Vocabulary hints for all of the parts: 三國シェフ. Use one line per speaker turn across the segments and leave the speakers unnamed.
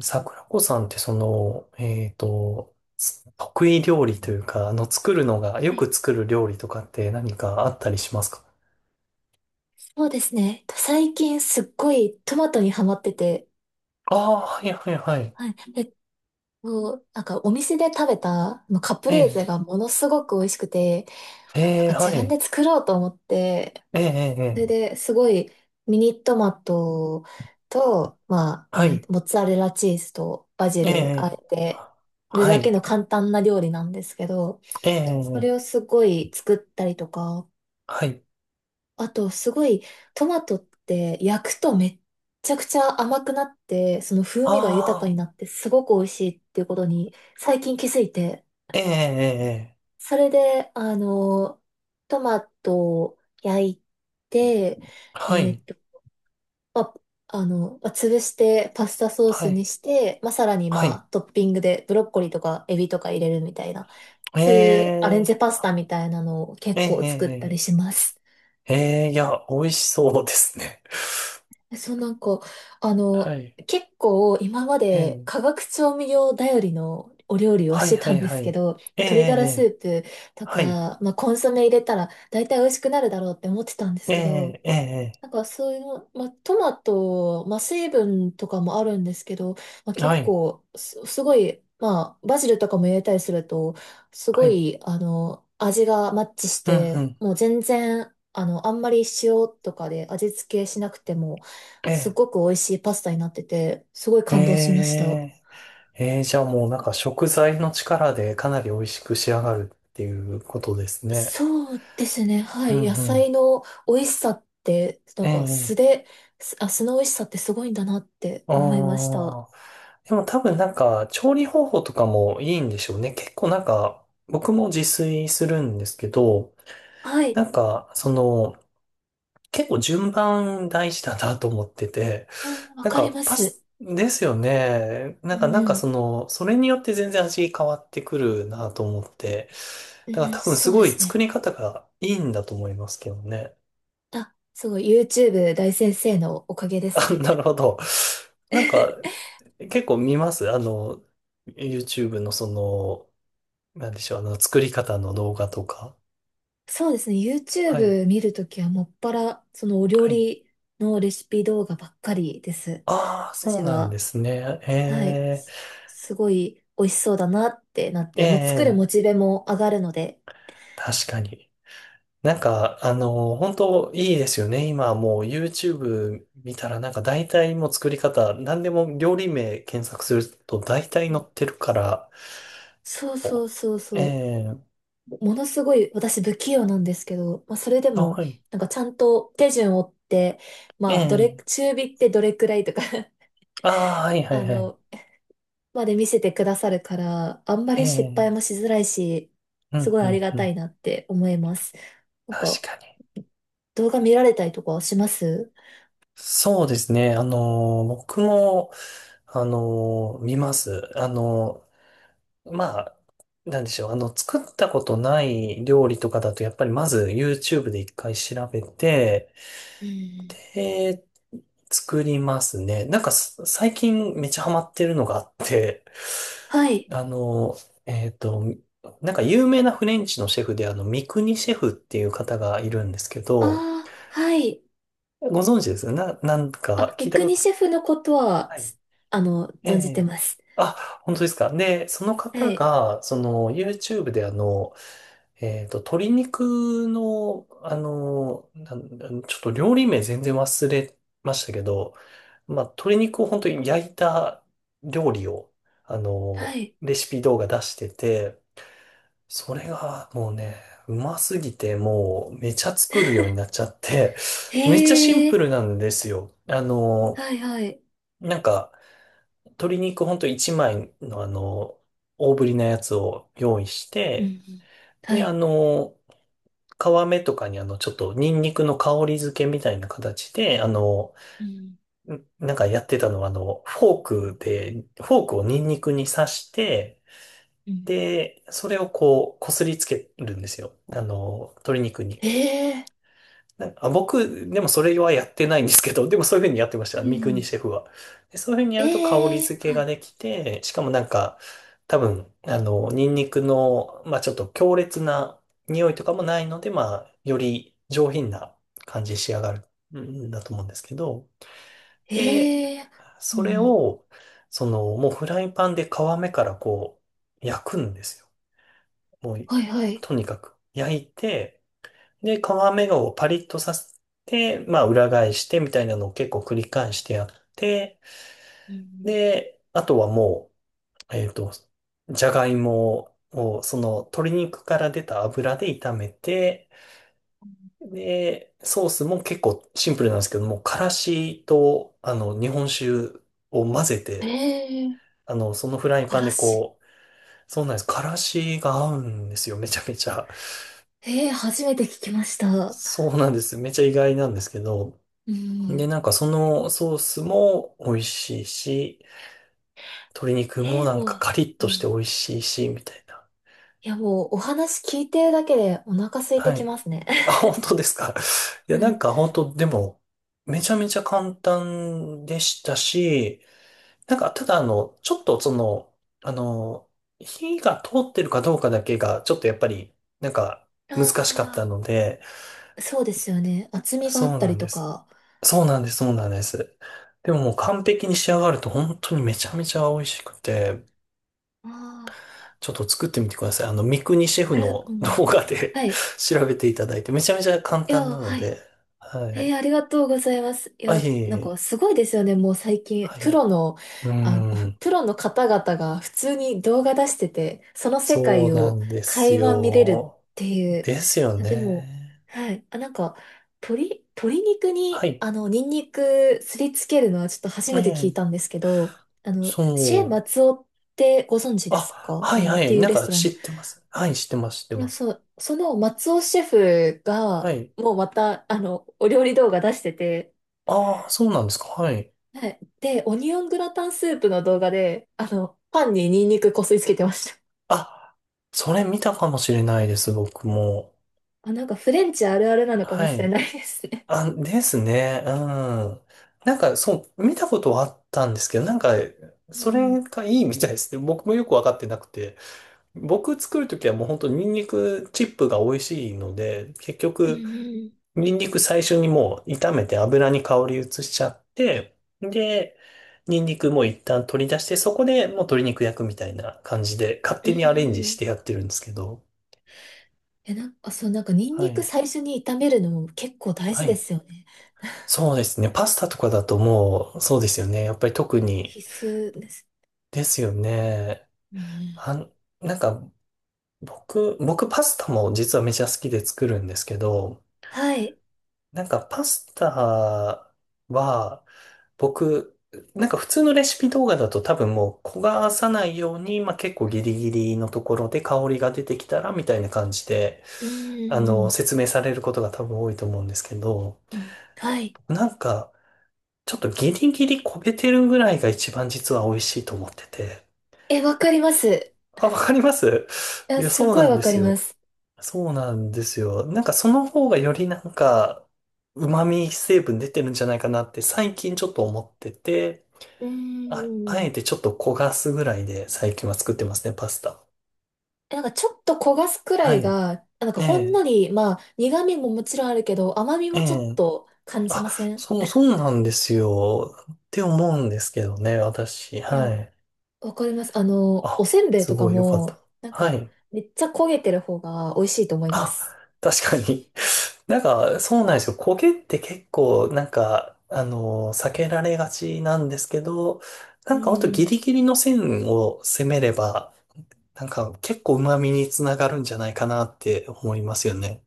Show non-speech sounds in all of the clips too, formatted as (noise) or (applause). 桜子さんってつ得意料理というか、作るのが、よ
はい、
く作る料理とかって何かあったりしますか？
そうですね。最近すっごいトマトにハマってて、
ああー、はいはいはい。
はい。なんかお店で食べたまあのカプ
え
レーゼ
え、
がものすごく美味しくて、あ、なん
ええ、
か
は
自分
い。
で作ろうと思って、
ええ、ええ、
そ
え
れ
え、
ですごいミニトマトと、まあ、
はい。
モッツァレラチーズとバジ
ええ、え
ルあ
え、
えてる
は
だけ
い。
の簡単な料理なんですけど、
え
それ
え、え
を
え、
すごい作ったりとか、
はい。
あと、すごい、トマトって焼くとめっちゃくちゃ甘くなって、その風味が豊か
あ
に
あ、
なって、すごく美味しいっていうことに最近気づいて、
ええ、ええ、ええ、
それで、あの、トマトを焼いて、
は
えーっ
い。
と、まあ、あの、まあ潰してパスタソー
は
ス
い。
にして、まあ、さらに
はい。
まあ、トッピングでブロッコリーとかエビとか入れるみたいな、
え
そういうアレンジ
え、
パスタみたいなのを
え
結構作った
え、
りします。
ええ、ええ、いや、美味しそうですね。
そうなんか、あ
(laughs) は
の、
い。
結構今ま
え
で
え、
化学調味料頼りのお料理を
は
し
い
て
は
た
い
んで
は
すけ
い。
ど、
ええ、え
鶏ガラス
え。
ープと
はい。
か、まあ、コンソメ入れたら大体美味しくなるだろうって思ってたんです
え
けど、
え、ええ、
なんかそういうの、まあ、トマト、まあ、水分とかもあるんですけど、まあ、
は
結
い。
構すごい、まあ、バジルとかも入れたりすると、す
は
ご
い。
い、あの、味がマッチし
うん、う
て、
ん。
もう全然、あの、あんまり塩とかで味付けしなくても、
え
す
え、
ごく美味しいパスタになってて、すごい感動しまし
え
た。
え、ええ、じゃあもうなんか食材の力でかなり美味しく仕上がるっていうことですね。
そうですね、は
うん、
い。野
うん。
菜の美味しさって、な
え
んか素
え、
で、素の美味しさってすごいんだなって
あ
思いました。
あ。でも多分なんか調理方法とかもいいんでしょうね。結構なんか僕も自炊するんですけど、
は
な
い。
んかその結構順番大事だなと思ってて、
うん、わ
なん
かり
か、
ます。
ですよね。な
う
んか、
ん、うん。
それによって全然味変わってくるなと思って。
う
だから
ん、
多分す
そう
ご
で
い
す
作
ね。
り方がいいんだと思いますけどね。
あ、すごい。YouTube 大先生のおかげで
(laughs)
す
あ、
ね。
なるほど。なんか、
(laughs)
結構見ます、YouTube のなんでしょう、作り方の動画とか。
そうですね。
はい。
YouTube 見るときはもっぱら、そのお料
はい。
理のレシピ動画ばっかりです。
ああ、そう
私
なんで
は。
すね。
はい。
え
すごい美味しそうだなってなっ
え、
て、もう作る
ええ、
モチベも上がるので。
確かに。本当いいですよね。今はもう YouTube 見たらなんか大体もう作り方、何でも料理名検索すると大体
う
載っ
ん、
てるから、
そうそうそう
お、え
そう。
え、
ものすごい私不器用なんですけど、まあ、それで
あ、
も、
はい、
なんかちゃんと手順を追って、
え
まあ、どれ、
え、
中火ってどれくらいとか (laughs)
ああ、はいはい
あ
はい、
の、まで見せてくださるから、あんまり失敗
え
も
え、
しづらいし、
う
す
ん、
ごい
う
あ
ん、
りが
う
た
ん。
いなって思います。なん
確
か、
かに。
動画見られたりとかします？
そうですね。あの、僕も、あの、見ます。まあ、なんでしょう。あの、作ったことない料理とかだと、やっぱりまず YouTube で一回調べて、
うん。
えー、作りますね。なんかす最近めっちゃハマってるのがあって、
はい。
あの、えっと、なんか有名なフレンチのシェフで、三國シェフっていう方がいるんですけ
あ
ど、
あ、はい。
ご存知ですよな、なんか
あ、
聞い
三
たこ
國
と
シェフのことは、
ある。
あの、
え
存じて
え。
ます。
あ、本当ですか。で、その
は
方
い。
が、その YouTube で、鶏肉の、あの、なんなんちょっと料理名全然忘れましたけど、まあ、鶏肉を本当に焼いた料理を、
はい。
レシピ動画出してて、それがもうね、うますぎて、もうめちゃ作るようになっちゃって、めっちゃシ
へ
ンプ
え、
ルなんですよ。
はいはい。
なんか、鶏肉ほんと1枚の、大ぶりなやつを用意し
うん、う
て、
ん。は
で、あ
い。
の、皮目とかに、ちょっとニンニクの香り付けみたいな形で、
うん。
なんかやってたのは、フォークで、フォークをニンニクに刺して、
うん。
で、それをこう、こすりつけるんですよ。あの、鶏肉に。
ええ、
僕、でもそれはやってないんですけど、でもそういうふうにやってまし
う
た、三國
ん。
シェフは。で、そういうふうにやると香り
ええ、
付け
は
が
い。
できて、しかもなんか、多分、あの、ニンニクの、まあちょっと強烈な匂いとかもないので、まあ、より上品な感じに仕上がるんだと思うんですけど、で、
ええ、う
それ
ん。
を、その、もうフライパンで皮目からこう、焼くんですよ。もう、
はいはい。
とにかく焼いて、で、皮目をパリッとさせて、まあ裏返してみたいなのを結構繰り返してやって、
うん。
で、あとはもう、じゃがいもをその鶏肉から出た油で炒めて、で、ソースも結構シンプルなんですけども、からしと、あの、日本酒を混ぜて、
ええ、
あの、そのフライ
か
パン
ら
で
し。
こう、そうなんです。からしが合うんですよ、めちゃめちゃ。
ええ、初めて聞きました。
そうなんです、めちゃ意外なんですけど。
う
で、
ん。
なんかそのソースも美味しいし、鶏肉
え
も
え、
なん
も
か
う、
カリッ
うん。
として美
い
味しいし、みたいな。
やもう、お話聞いてるだけでお腹空いて
は
き
い。
ますね。
あ、本当ですか。(laughs) い
(laughs)
や、
う
なん
ん。
か本当、でも、めちゃめちゃ簡単でしたし、なんかただあの、ちょっとその、あの、火が通ってるかどうかだけが、ちょっとやっぱり、なんか難しかっ
あ
たので、
あ、そうですよね。厚みがあっ
そう
た
な
り
んで
と
す。
か。
そうなんです、そうなんです。でももう完璧に仕上がると本当にめちゃめちゃ美味しくて、
ああ、
ちょっと作ってみてください。あの、三國シェフ
あれ、
の
うん。
動画で
はい。
(laughs) 調べていただいて、めちゃめちゃ簡
いや、
単なの
はい。
で、はい。
ありがとうございます。い
あ、い
や、
えい
なんか
え、
すごいですよね。もう最近、
はい。う
あ、
ん、
プロの方々が普通に動画出してて、その世
そ
界
うな
を
んです
垣間見れるっ
よ。
ていう。
ですよ
あ、でも、
ね。
はい。あ、なんか、鶏肉
は
に、
い。
あの、ニンニクすりつけるのはちょっと初
え
めて聞い
え、
たんですけど、あの、シェ
そう。
松尾ってご存知です
あ、
か？
は
あ
い
の、
は
っ
い。
ていう
なん
レス
か
トラ
知っ
ン。
てます。はい、知ってます、知って
あ、
ます。
そう、その松尾シェフ
は
が、
い。
もうまた、あの、お料理動画出してて、
ああ、そうなんですか。はい。
はい。で、オニオングラタンスープの動画で、あの、パンにニンニクこすりつけてました。
あ、それ見たかもしれないです、僕も。
あ、なんかフレンチあるあるなのかも
は
しれ
い。
ないですね。
あ、ですね。うん。なんか、そう、見たことはあったんですけど、なんか、
う
そ
ん。
れがいいみたいですね。僕もよくわかってなくて。僕作るときはもう本当ニンニクチップが美味しいので、結
うん、う
局、
ん、
ニンニク最初にもう炒めて油に香り移しちゃって、で、ニンニクも一旦取り出して、そこでもう鶏肉焼くみたいな感じで、勝
うん、
手にアレンジ
う
して
ん、
やってるんですけど。
え、なんか、そう、なんかニン
は
ニク
い。
最初に炒めるのも結構大
は
事で
い。
すよね。
そうですね。パスタとかだともう、そうですよね。やっぱり特
必
に、
須です。
ですよね。
うん、
あん、なんか、僕パスタも実はめちゃ好きで作るんですけど、
はい。
なんかパスタは、僕、なんか普通のレシピ動画だと多分もう焦がさないように、まあ結構ギリギリのところで香りが出てきたらみたいな感じで、
うん、
あ
う
の、
ん、
説明されることが多分多いと思うんですけど、
うん、うん、はい。
なんか、ちょっとギリギリ焦げてるぐらいが一番実は美味しいと思ってて。
え、わかります。
あ、わかります、い
え、
や、
す
そう
ごい
なん
わ
で
か
す
りま
よ。
す。
そうなんですよ。なんかその方がよりなんか、旨味成分出てるんじゃないかなって最近ちょっと思ってて、
うん、うん、う
あえ
ん、
てちょっと焦がすぐらいで最近は作ってますね、パスタ。
え、なんかちょっと焦がすくら
は
い
い。
が、あ、なんかほんの
ね
り、まあ苦味ももちろんあるけど、甘み
え、え
もちょっ
え。
と感じ
あ、
ません？
そう、そうなんですよ。って思うんですけどね、私。
いや、
はい。
わかります。あの、お
あ、
せんべい
す
とか
ごいよかった。
も、なん
は
か
い。
めっちゃ焦げてる方が美味しいと思いま
あ、
す。
確かに。(laughs) なんか、そうなんですよ。焦げって結構、なんか、あの、避けられがちなんですけど、な
う
んか、あとギ
ん。
リギリの線を攻めれば、なんか、結構旨味につながるんじゃないかなって思いますよね。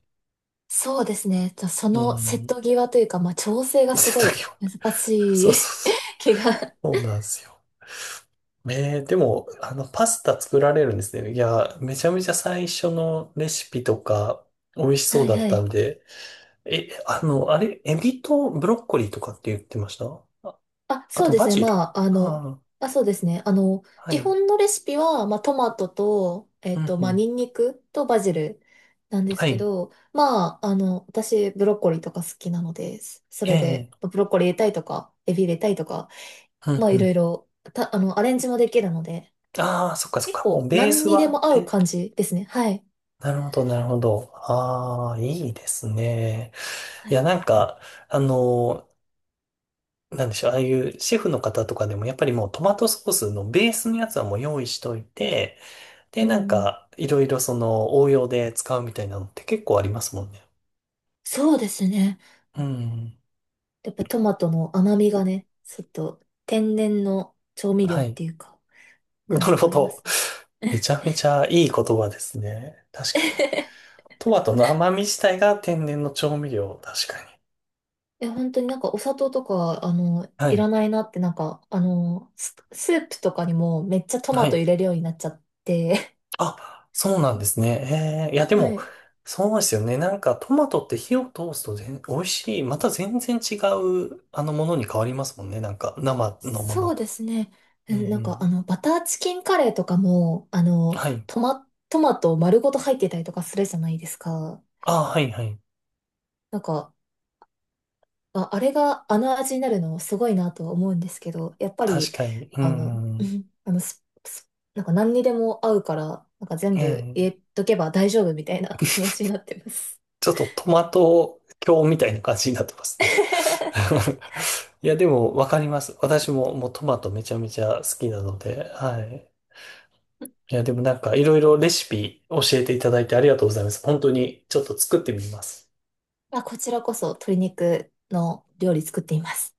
そうですね。じゃあそ
う
の瀬
ん。
戸際というか、まあ調整がす
瀬
ご
戸
い
際。
難
(laughs) そ
し
うそう
い
そう。
(laughs) 気が。(laughs)
そうなんですよ。えー、でも、あの、パスタ作られるんですね。いや、めちゃめちゃ最初のレシピとか、美味しそ
は
う
い
だっ
は
た
い。
んで、え、あの、あれ、エビとブロッコリーとかって言ってました、あ、
あ、
あ
そう
と
で
バ
すね。
ジル。
まあ、あの、
あ
あ、そうですね。あの、
あ、は
基
い。
本のレシピは、まあ、トマトと、
うんう
まあ、
ん。
ニンニクとバジルなんです
は
け
い。
ど、まあ、あの、私、ブロッコリーとか好きなので、そ
え
れ
え、
で、まあブロッコリー入れたいとか、エビ入れたいとか、
うん
まあ、
う
いろい
ん。
ろ、あの、アレンジもできるので、
ああ、そっかそっ
結
か。もう
構、
ベー
何
ス
に
は
で
あっ
も合う
て。
感じですね。はい。
なるほど、なるほど。ああ、いいですね。
は
いや、
い、
なんか、あの、なんでしょう、ああいうシェフの方とかでも、やっぱりもうトマトソースのベースのやつはもう用意しといて、で、
うん、う
なん
ん。
か、いろいろその応用で使うみたいなのって結構ありますもんね。
そうですね。
うん。
やっぱトマトの甘みがね、ちょっと、天然の調味料
は
っ
い。
ていうか、
な
感
る
じが
ほ
ありま
ど。
すね。
めちゃめちゃいい言葉ですね。確かに。
(laughs)
トマトの甘み自体が天然の調味料。確かに。
え、本当になんかお砂糖とか、あの、
は
いら
い。
ないなって、なんか、あの、スープとかにもめっちゃト
は
マト入
い。
れるようになっちゃって。
あ、そうなんですね。えー、いや、
(laughs)
で
は
も、
い。
そうですよね。なんか、トマトって火を通すと全美味しい。また全然違う、あの、ものに変わりますもんね。なんか、生のもの
そう
と
で
は。
すね。
う
う
んう
ん、なんか、あ
ん。
の、バターチキンカレーとかも、あの、
はい。
トマト丸ごと入ってたりとかするじゃないですか。
あ、はいはい。
なんか、あ、あれがあの味になるのすごいなとは思うんですけど、やっぱ
確
り、
かに。う
あの、
んう
う
ん。
ん、あの、なんか何にでも合うから、なんか全
え
部
ー、
入れとけば大丈夫みたいな気持ちになってます。
ちょっとトマト教みたいな感じになってますね。
(laughs)
(laughs) いや、でも、わかります。私も、もうトマトめちゃめちゃ好きなので、はい。いや、でもなんか、いろいろレシピ教えていただいてありがとうございます。本当に、ちょっと作ってみます。
あ、こちらこそ鶏肉の料理作っています。